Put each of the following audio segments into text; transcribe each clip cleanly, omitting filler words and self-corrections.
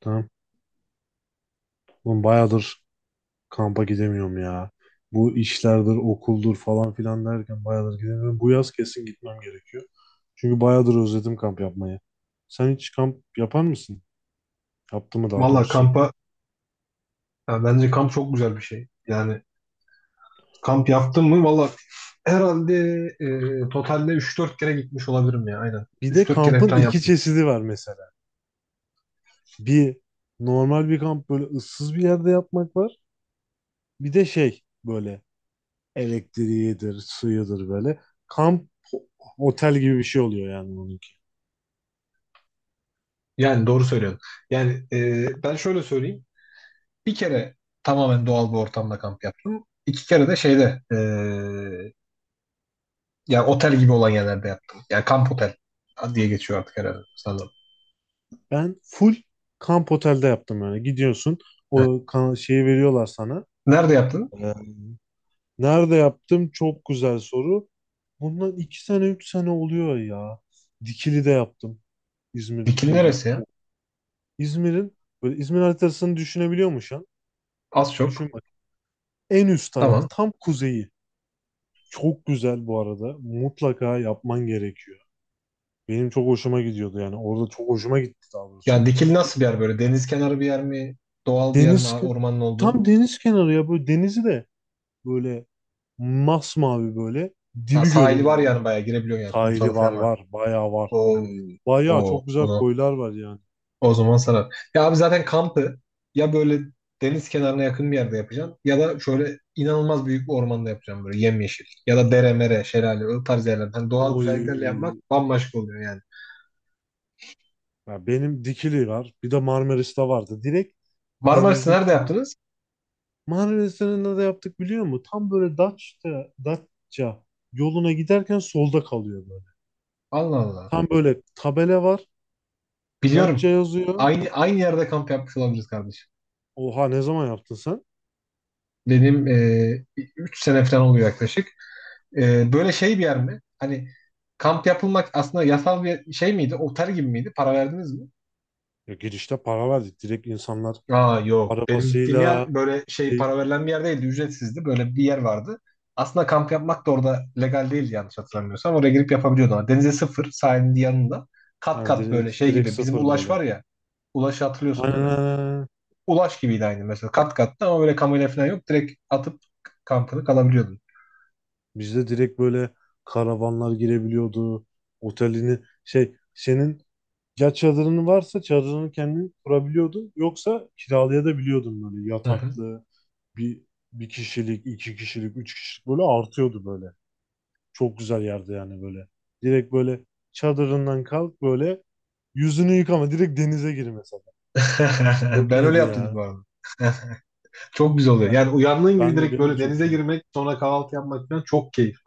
Tamam. Oğlum bayağıdır kampa gidemiyorum ya. Bu işlerdir, okuldur falan filan derken bayağıdır gidemiyorum. Bu yaz kesin gitmem gerekiyor. Çünkü bayağıdır özledim kamp yapmayı. Sen hiç kamp yapar mısın? Yaptın mı daha Valla doğrusu? kampa ya bence kamp çok güzel bir şey. Yani kamp yaptım mı valla herhalde totalde 3-4 kere gitmiş olabilirim ya aynen. Bir üç de dört kere kampın falan iki yaptım. çeşidi var mesela. Bir normal bir kamp böyle ıssız bir yerde yapmak var. Bir de şey böyle elektriğidir, suyudur böyle. Kamp otel gibi bir şey oluyor yani onun. Yani doğru söylüyorsun. Yani ben şöyle söyleyeyim. Bir kere tamamen doğal bir ortamda kamp yaptım. 2 kere de şeyde yani otel gibi olan yerlerde yaptım. Yani kamp otel diye geçiyor artık herhalde sanırım. Ben full kamp otelde yaptım yani. Gidiyorsun Heh. o şeyi veriyorlar sana. Nerede yaptın? Ee, Nerede yaptım? Çok güzel soru. Bundan iki sene üç sene oluyor ya. Dikili'de yaptım. İzmir Bikini Dikili'de neresi ya? çok. İzmir'in böyle İzmir haritasını düşünebiliyor musun şu an? Az çok. Düşün bak. En üst tarafı Tamam. tam kuzeyi. Çok güzel bu arada. Mutlaka yapman gerekiyor. Benim çok hoşuma gidiyordu yani. Orada çok hoşuma gitti daha doğrusu. Yani Dikili nasıl Bir bir yer böyle? Deniz kenarı bir yer mi? Doğal bir yer mi? deniz Ormanın olduğu. tam deniz kenarı ya, böyle denizi de böyle masmavi böyle. Ha, Dibi sahili var görünüyor yani. yani bayağı girebiliyorsun yani. Sahili Kumsalı var falan var. var. Bayağı var. O Yani bayağı o çok o güzel zaman, koylar var yani. o zaman sarar. Ya abi zaten kampı ya böyle deniz kenarına yakın bir yerde yapacağım ya da şöyle inanılmaz büyük bir ormanda yapacağım böyle yemyeşil. Ya da dere mere, şelale o tarz yerler. Hani doğal güzelliklerle yapmak Oy. bambaşka oluyor yani. Ya benim Dikili var. Bir de Marmaris'te vardı. Direkt Marmaris'i denizin nerede kenarı. yaptınız? Marmaris'te ne de yaptık biliyor musun? Tam böyle Datça, Datça yoluna giderken solda kalıyor böyle. Allah Allah. Tam böyle tabela var. Datça Biliyorum. yazıyor. Aynı yerde kamp yapmış olabiliriz kardeşim. Oha, ne zaman yaptın sen? Benim 3 sene falan oluyor yaklaşık. Böyle şey bir yer mi? Hani kamp yapılmak aslında yasal bir şey miydi? Otel gibi miydi? Para verdiniz mi? Ya girişte para verdik. Direkt insanlar Aa, yok. Benim gittiğim yer arabasıyla böyle şey şey, para verilen bir yer değildi. Ücretsizdi. Böyle bir yer vardı. Aslında kamp yapmak da orada legal değildi yanlış hatırlamıyorsam. Oraya girip yapabiliyordun ama denize sıfır, sahilin yanında. Kat hani kat böyle direkt, şey direkt gibi. Bizim sıfır Ulaş böyle. var ya. Ulaş'ı hatırlıyorsun Aynen, değil aynen, mi? aynen. Ulaş gibiydi aynı mesela. Kat kattı ama böyle kamera falan yok. Direkt atıp kampını kalabiliyordun. Bizde direkt böyle karavanlar girebiliyordu. Otelini şey senin, ya çadırın varsa çadırını kendin kurabiliyordun. Yoksa kiralayabiliyordun böyle Hı hı. yataklı bir bir kişilik, iki kişilik, üç kişilik böyle artıyordu böyle. Çok güzel yerde yani böyle. Direkt böyle çadırından kalk, böyle yüzünü yıkama, direkt denize gir mesela. Çok Ben öyle iyiydi yaptım bu ya. arada. Çok güzel oluyor. Ben Yani uyandığın gibi ben de direkt benim de böyle çok denize hoşuma. girmek, sonra kahvaltı yapmak falan çok keyifli.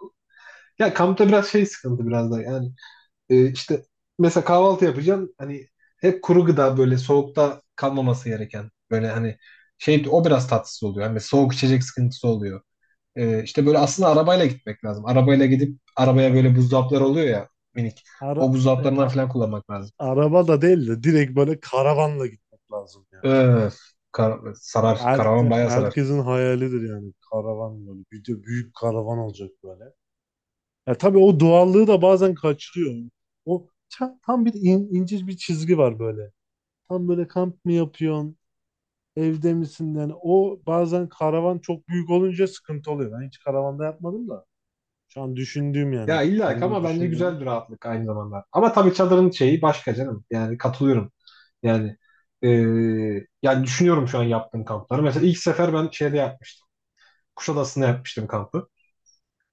Ya kampta biraz şey sıkıntı, biraz da yani işte mesela kahvaltı yapacaksın, hani hep kuru gıda böyle soğukta kalmaması gereken, böyle hani şey o biraz tatsız oluyor. Yani mesela soğuk içecek sıkıntısı oluyor. E, işte böyle aslında arabayla gitmek lazım. Arabayla gidip arabaya böyle buzdolaplar oluyor ya, minik. O Ara, buzdolaplarından falan kullanmak lazım. Araba da değil de direkt böyle karavanla gitmek lazım ya. Öf, sarar. Her, Karavan bayağı sarar. herkesin hayalidir yani karavan böyle. Bir de büyük karavan olacak böyle. Ya tabii o doğallığı da bazen kaçırıyor. O tam bir ince bir çizgi var böyle. Tam böyle kamp mı yapıyorsun? Evde misin? Yani o bazen karavan çok büyük olunca sıkıntı oluyor. Ben hiç karavanda yapmadım da. Şu an düşündüğüm Ya yani illa ki kendim ama bence düşündüğüm. güzel bir rahatlık aynı zamanda. Ama tabii çadırın şeyi başka canım. Yani katılıyorum. Yani e, yani düşünüyorum şu an yaptığım kampları. Mesela ilk sefer ben şeyde yapmıştım. Kuşadası'nda yapmıştım kampı.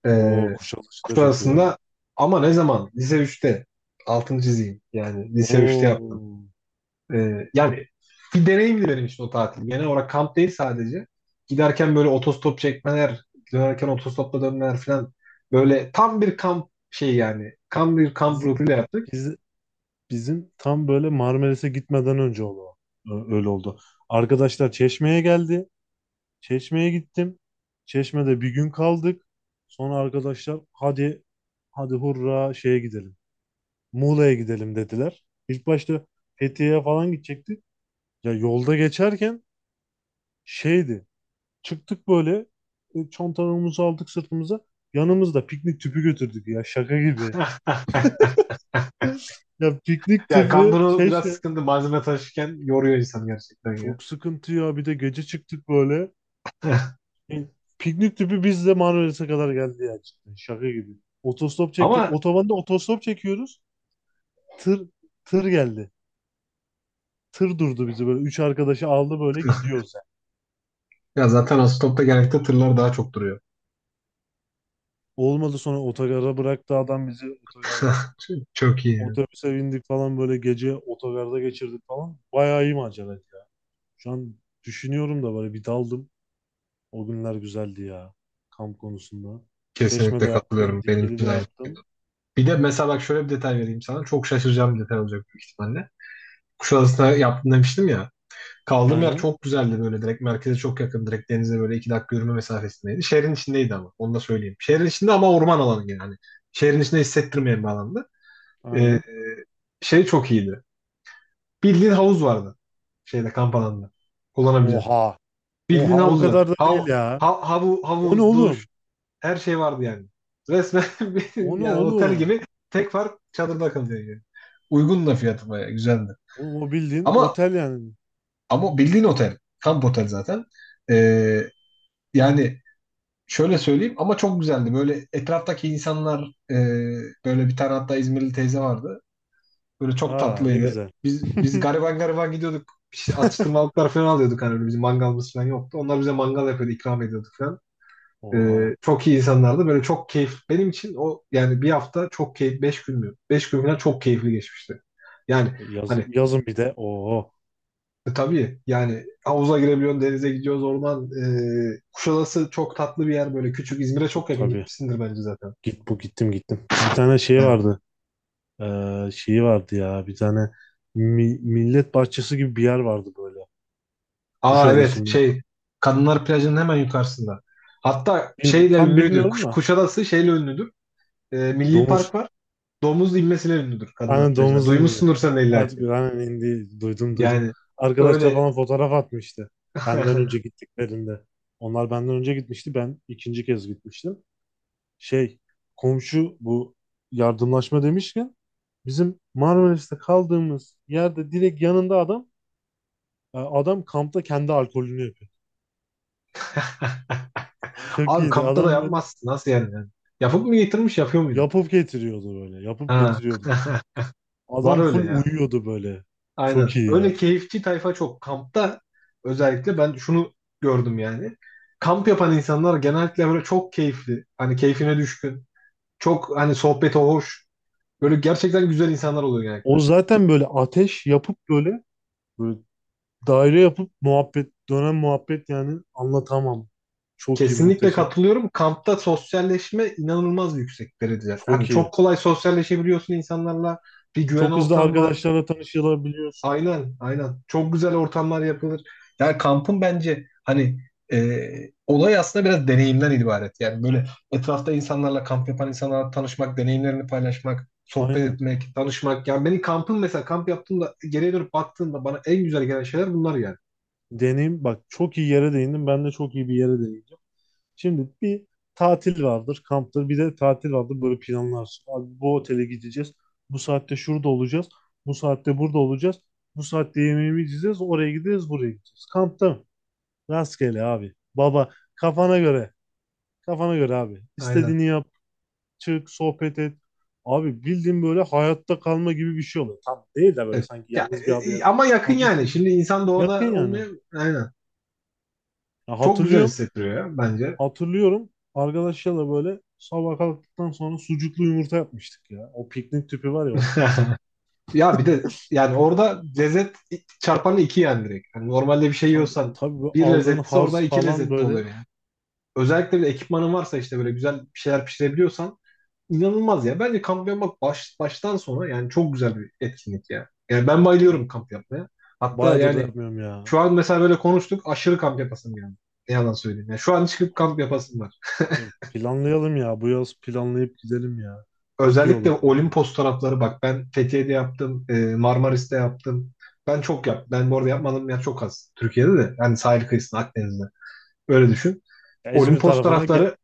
E, Oo, Kuşadası da çok güzeldi. Kuşadası'nda ama ne zaman? Lise üçte altıncı diziyim. Yani lise üçte yaptım. Oo, Yani bir deneyimdi benim için o tatil. Genel olarak kamp değil sadece. Giderken böyle otostop çekmeler, dönerken otostopla dönmeler falan. Böyle tam bir kamp şey yani. Tam bir kamp biz, ruhuyla yaptık. biz, bizim tam böyle Marmaris'e gitmeden önce oldu o. Öyle oldu. Arkadaşlar Çeşme'ye geldi. Çeşme'ye gittim. Çeşme'de bir gün kaldık. Sonra arkadaşlar hadi hurra şeye gidelim. Muğla'ya gidelim dediler. İlk başta Fethiye'ye falan gidecektik. Ya yolda geçerken şeydi. Çıktık böyle, çantalarımızı aldık sırtımıza. Yanımızda piknik tüpü götürdük ya, şaka gibi. Ya piknik Ya tüpü kampını biraz Çeşme. sıkıntı. Malzeme taşırken yoruyor insan gerçekten ya. Çok sıkıntı ya. Bir de gece çıktık böyle. Yani piknik tüpü biz de Marmaris'e kadar geldi ya cidden. Şaka gibi. Otostop çektik. Ama Otobanda otostop çekiyoruz. Tır tır geldi. Tır durdu bizi böyle. Üç arkadaşı aldı böyle, gidiyoruz yani. ya zaten otostopta genellikle tırlar daha çok duruyor. Olmadı, sonra otogara bıraktı adam bizi otogardan. Çok iyi, yani. Otobüse bindik falan, böyle gece otogarda geçirdik falan. Bayağı iyi maceraydı ya. Şu an düşünüyorum da böyle bir daldım. O günler güzeldi ya. Kamp konusunda. Kesinlikle Çeşme'de yaptım. katılıyorum. Benim için Dikili'de de aynı fikirde. yaptım. Bir de mesela bak şöyle bir detay vereyim sana. Çok şaşıracağım bir detay olacak büyük ihtimalle. Kuşadası'na yaptım demiştim ya. Kaldığım yer Aynen. çok güzeldi, böyle direkt merkeze çok yakın, direkt denize böyle 2 dakika yürüme mesafesindeydi. Şehrin içindeydi ama onu da söyleyeyim. Şehrin içinde ama orman alanı yani, hani şehrin içinde hissettirmeyen bir alandı. Ee, Aynen. şey çok iyiydi. Bildiğin havuz vardı şeyde, kamp alanında kullanabileceğin. Oha. Bildiğin Oha, o havuz var. kadar da değil ya. O ne Havuz, duş, oğlum? her şey vardı yani. Resmen O ne yani otel oğlum? gibi, tek fark çadırda kalıyor yani. Uygun da fiyatı bayağı güzeldi. Oğlum o bildiğin Ama otel yani. ama bildiğin otel. Kamp otel zaten. Ee, Yani şöyle söyleyeyim, ama çok güzeldi. Böyle etraftaki insanlar, e, böyle bir tane hatta İzmirli teyze vardı. Böyle çok Aa, ne tatlıydı. güzel. Biz gariban gariban gidiyorduk. Atıştırmalıklar falan alıyorduk, hani böyle bizim mangalımız falan yoktu. Onlar bize mangal yapıyordu, ikram ediyorduk falan. E, Oha. çok iyi insanlardı. Böyle çok keyif. Benim için o yani bir hafta çok keyif. 5 gün mü? 5 gün falan çok keyifli geçmişti. Yani hani Yazın bir de. Oo. Tabii yani havuza girebiliyorsun, denize gidiyoruz, orman. Kuşadası çok tatlı bir yer böyle. Küçük, İzmir'e çok yakın, Tabii. gitmişsindir bence zaten. Git bu gittim gittim. Bir tane şey Yani. vardı. Şeyi vardı ya. Bir tane millet bahçesi gibi bir yer vardı böyle. Aa evet, Kuşadası'nda. şey, Kadınlar Plajı'nın hemen yukarısında. Hatta şeyle Tam ünlüydü. bilmiyorum da. Kuşadası şeyle ünlüdür. Milli Domuz. Park var. Domuz inmesiyle ünlüdür Kadınlar Aynen Plajı'na. domuz indi. Duymuşsundur sen de illa Artık ki. aynen indi. Duydum, duydum. Yani Arkadaşlar öyle. falan fotoğraf atmıştı. Benden önce gittiklerinde. Onlar benden önce gitmişti. Ben ikinci kez gitmiştim. Şey, komşu, bu yardımlaşma demişken bizim Marmaris'te kaldığımız yerde direkt yanında adam, adam kampta kendi alkolünü yapıyor. Çok Abi iyiydi. kampta da Adam böyle yapmazsın. Nasıl yani? Yani? Yapıp mı getirmiş, yapıyor muydu? yapıp getiriyordu böyle. Yapıp Ha. getiriyordu. Var Adam öyle full ya. uyuyordu böyle. Çok Aynen. iyi Öyle ya. keyifçi tayfa çok. Kampta özellikle ben şunu gördüm yani. Kamp yapan insanlar genellikle böyle çok keyifli. Hani keyfine düşkün. Çok hani sohbeti hoş. Böyle gerçekten güzel insanlar oluyor genellikle. O zaten böyle ateş yapıp böyle, böyle daire yapıp muhabbet, dönen muhabbet yani anlatamam. Çok iyi, Kesinlikle muhteşem. katılıyorum. Kampta sosyalleşme inanılmaz yüksek derece. Hani Çok iyi. çok kolay sosyalleşebiliyorsun insanlarla. Bir güven Çok hızlı ortamı var. arkadaşlarla tanışılabiliyorsun. Aynen, aynen. Çok güzel ortamlar yapılır. Yani kampın bence hani e, olay aslında biraz deneyimden ibaret. Yani böyle etrafta insanlarla, kamp yapan insanlarla tanışmak, deneyimlerini paylaşmak, sohbet Aynen. etmek, tanışmak. Yani beni kampın mesela, kamp yaptığımda geriye dönüp baktığımda bana en güzel gelen şeyler bunlar yani. Deneyim bak, çok iyi yere değindim. Ben de çok iyi bir yere değineceğim. Şimdi bir tatil vardır, kamptır. Bir de tatil vardır. Böyle planlarsın. Abi bu otele gideceğiz. Bu saatte şurada olacağız. Bu saatte burada olacağız. Bu saatte yemeğimi yiyeceğiz. Oraya gideceğiz, buraya gideceğiz. Kampta mı? Rastgele abi. Baba kafana göre. Kafana göre abi. Aynen. İstediğini yap. Çık, sohbet et. Abi bildiğin böyle hayatta kalma gibi bir şey oluyor. Tam değil de böyle Evet. sanki Ya, yalnız bir adaya ama yakın atmış yani. gibi. Şimdi insan Yakın doğada yani. olmaya, aynen. Ya Çok güzel hatırlıyorum. hissettiriyor ya bence. Hatırlıyorum. Arkadaşlarla böyle sabah kalktıktan sonra sucuklu yumurta yapmıştık ya. O piknik tüpü var ya, o piknik tüpü. Ya bir de yani orada lezzet çarpanı iki yani, direkt. Yani normalde bir şey Tabii, yiyorsan tabii, bu bir aldığın lezzetlisi orada haz iki falan lezzetli böyle. oluyor yani. Özellikle bir de ekipmanın varsa, işte böyle güzel bir şeyler pişirebiliyorsan, inanılmaz ya. Bence kamp yapmak baştan sona yani çok güzel bir etkinlik ya. Yani ben E, bayılıyorum kamp yapmaya. Hatta Bayağıdır da yani yapmıyorum ya. şu an mesela böyle konuştuk, aşırı kamp yapasım yani. Ne yalan söyleyeyim. Yani şu an çıkıp kamp yapasım var. Planlayalım ya. Bu yaz planlayıp gidelim ya. Çok iyi Özellikle olur bence. Olimpos tarafları, bak ben Fethiye'de yaptım, Marmaris'te yaptım. Ben çok yap. Ben bu arada yapmadığım yer çok az. Türkiye'de de yani, sahil kıyısında, Akdeniz'de. Öyle düşün. Ya İzmir Olimpos tarafına tarafları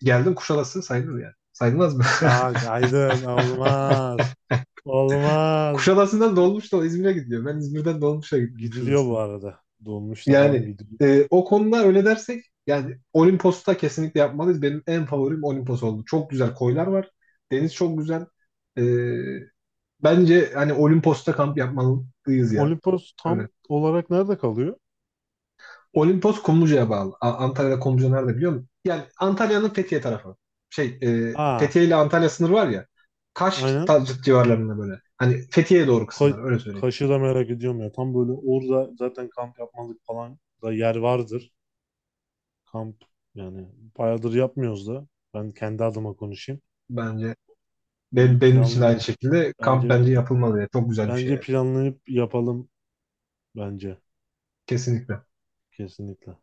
geldim, Kuşadası sayılır yani. Sayılmaz mı? ya Aydın olmaz. Olmaz. Kuşadası'ndan dolmuşla İzmir'e gidiyor. Ben İzmir'den dolmuşla gittim Gidiliyor bu Kuşadası'na. arada. Dolmuşta falan Yani gidiliyor. O konuda öyle dersek, yani Olimpos'ta kesinlikle yapmalıyız. Benim en favorim Olimpos oldu. Çok güzel koylar var. Deniz çok güzel. E, Bence hani Olimpos'ta kamp yapmalıyız ya. Olimpos Öyle. tam olarak nerede kalıyor? Olimpos Kumluca'ya bağlı. Antalya'da Kumluca nerede biliyor musun? Yani Antalya'nın Fethiye tarafı. Şey, Aa, Fethiye ile Antalya sınırı var ya. Kaş aynen. Civarlarında böyle. Hani Fethiye'ye doğru Ka kısımlar, öyle söyleyeyim. Kaş'ı da merak ediyorum ya. Tam böyle orada zaten kamp yapmalık falan da yer vardır. Kamp yani bayağıdır yapmıyoruz da. Ben kendi adıma konuşayım. Bence benim, Bir benim için planlı de aynı şekilde kamp bence bence yapılmalı ya. Çok güzel bir şey bence yani. planlayıp yapalım, bence Kesinlikle. kesinlikle.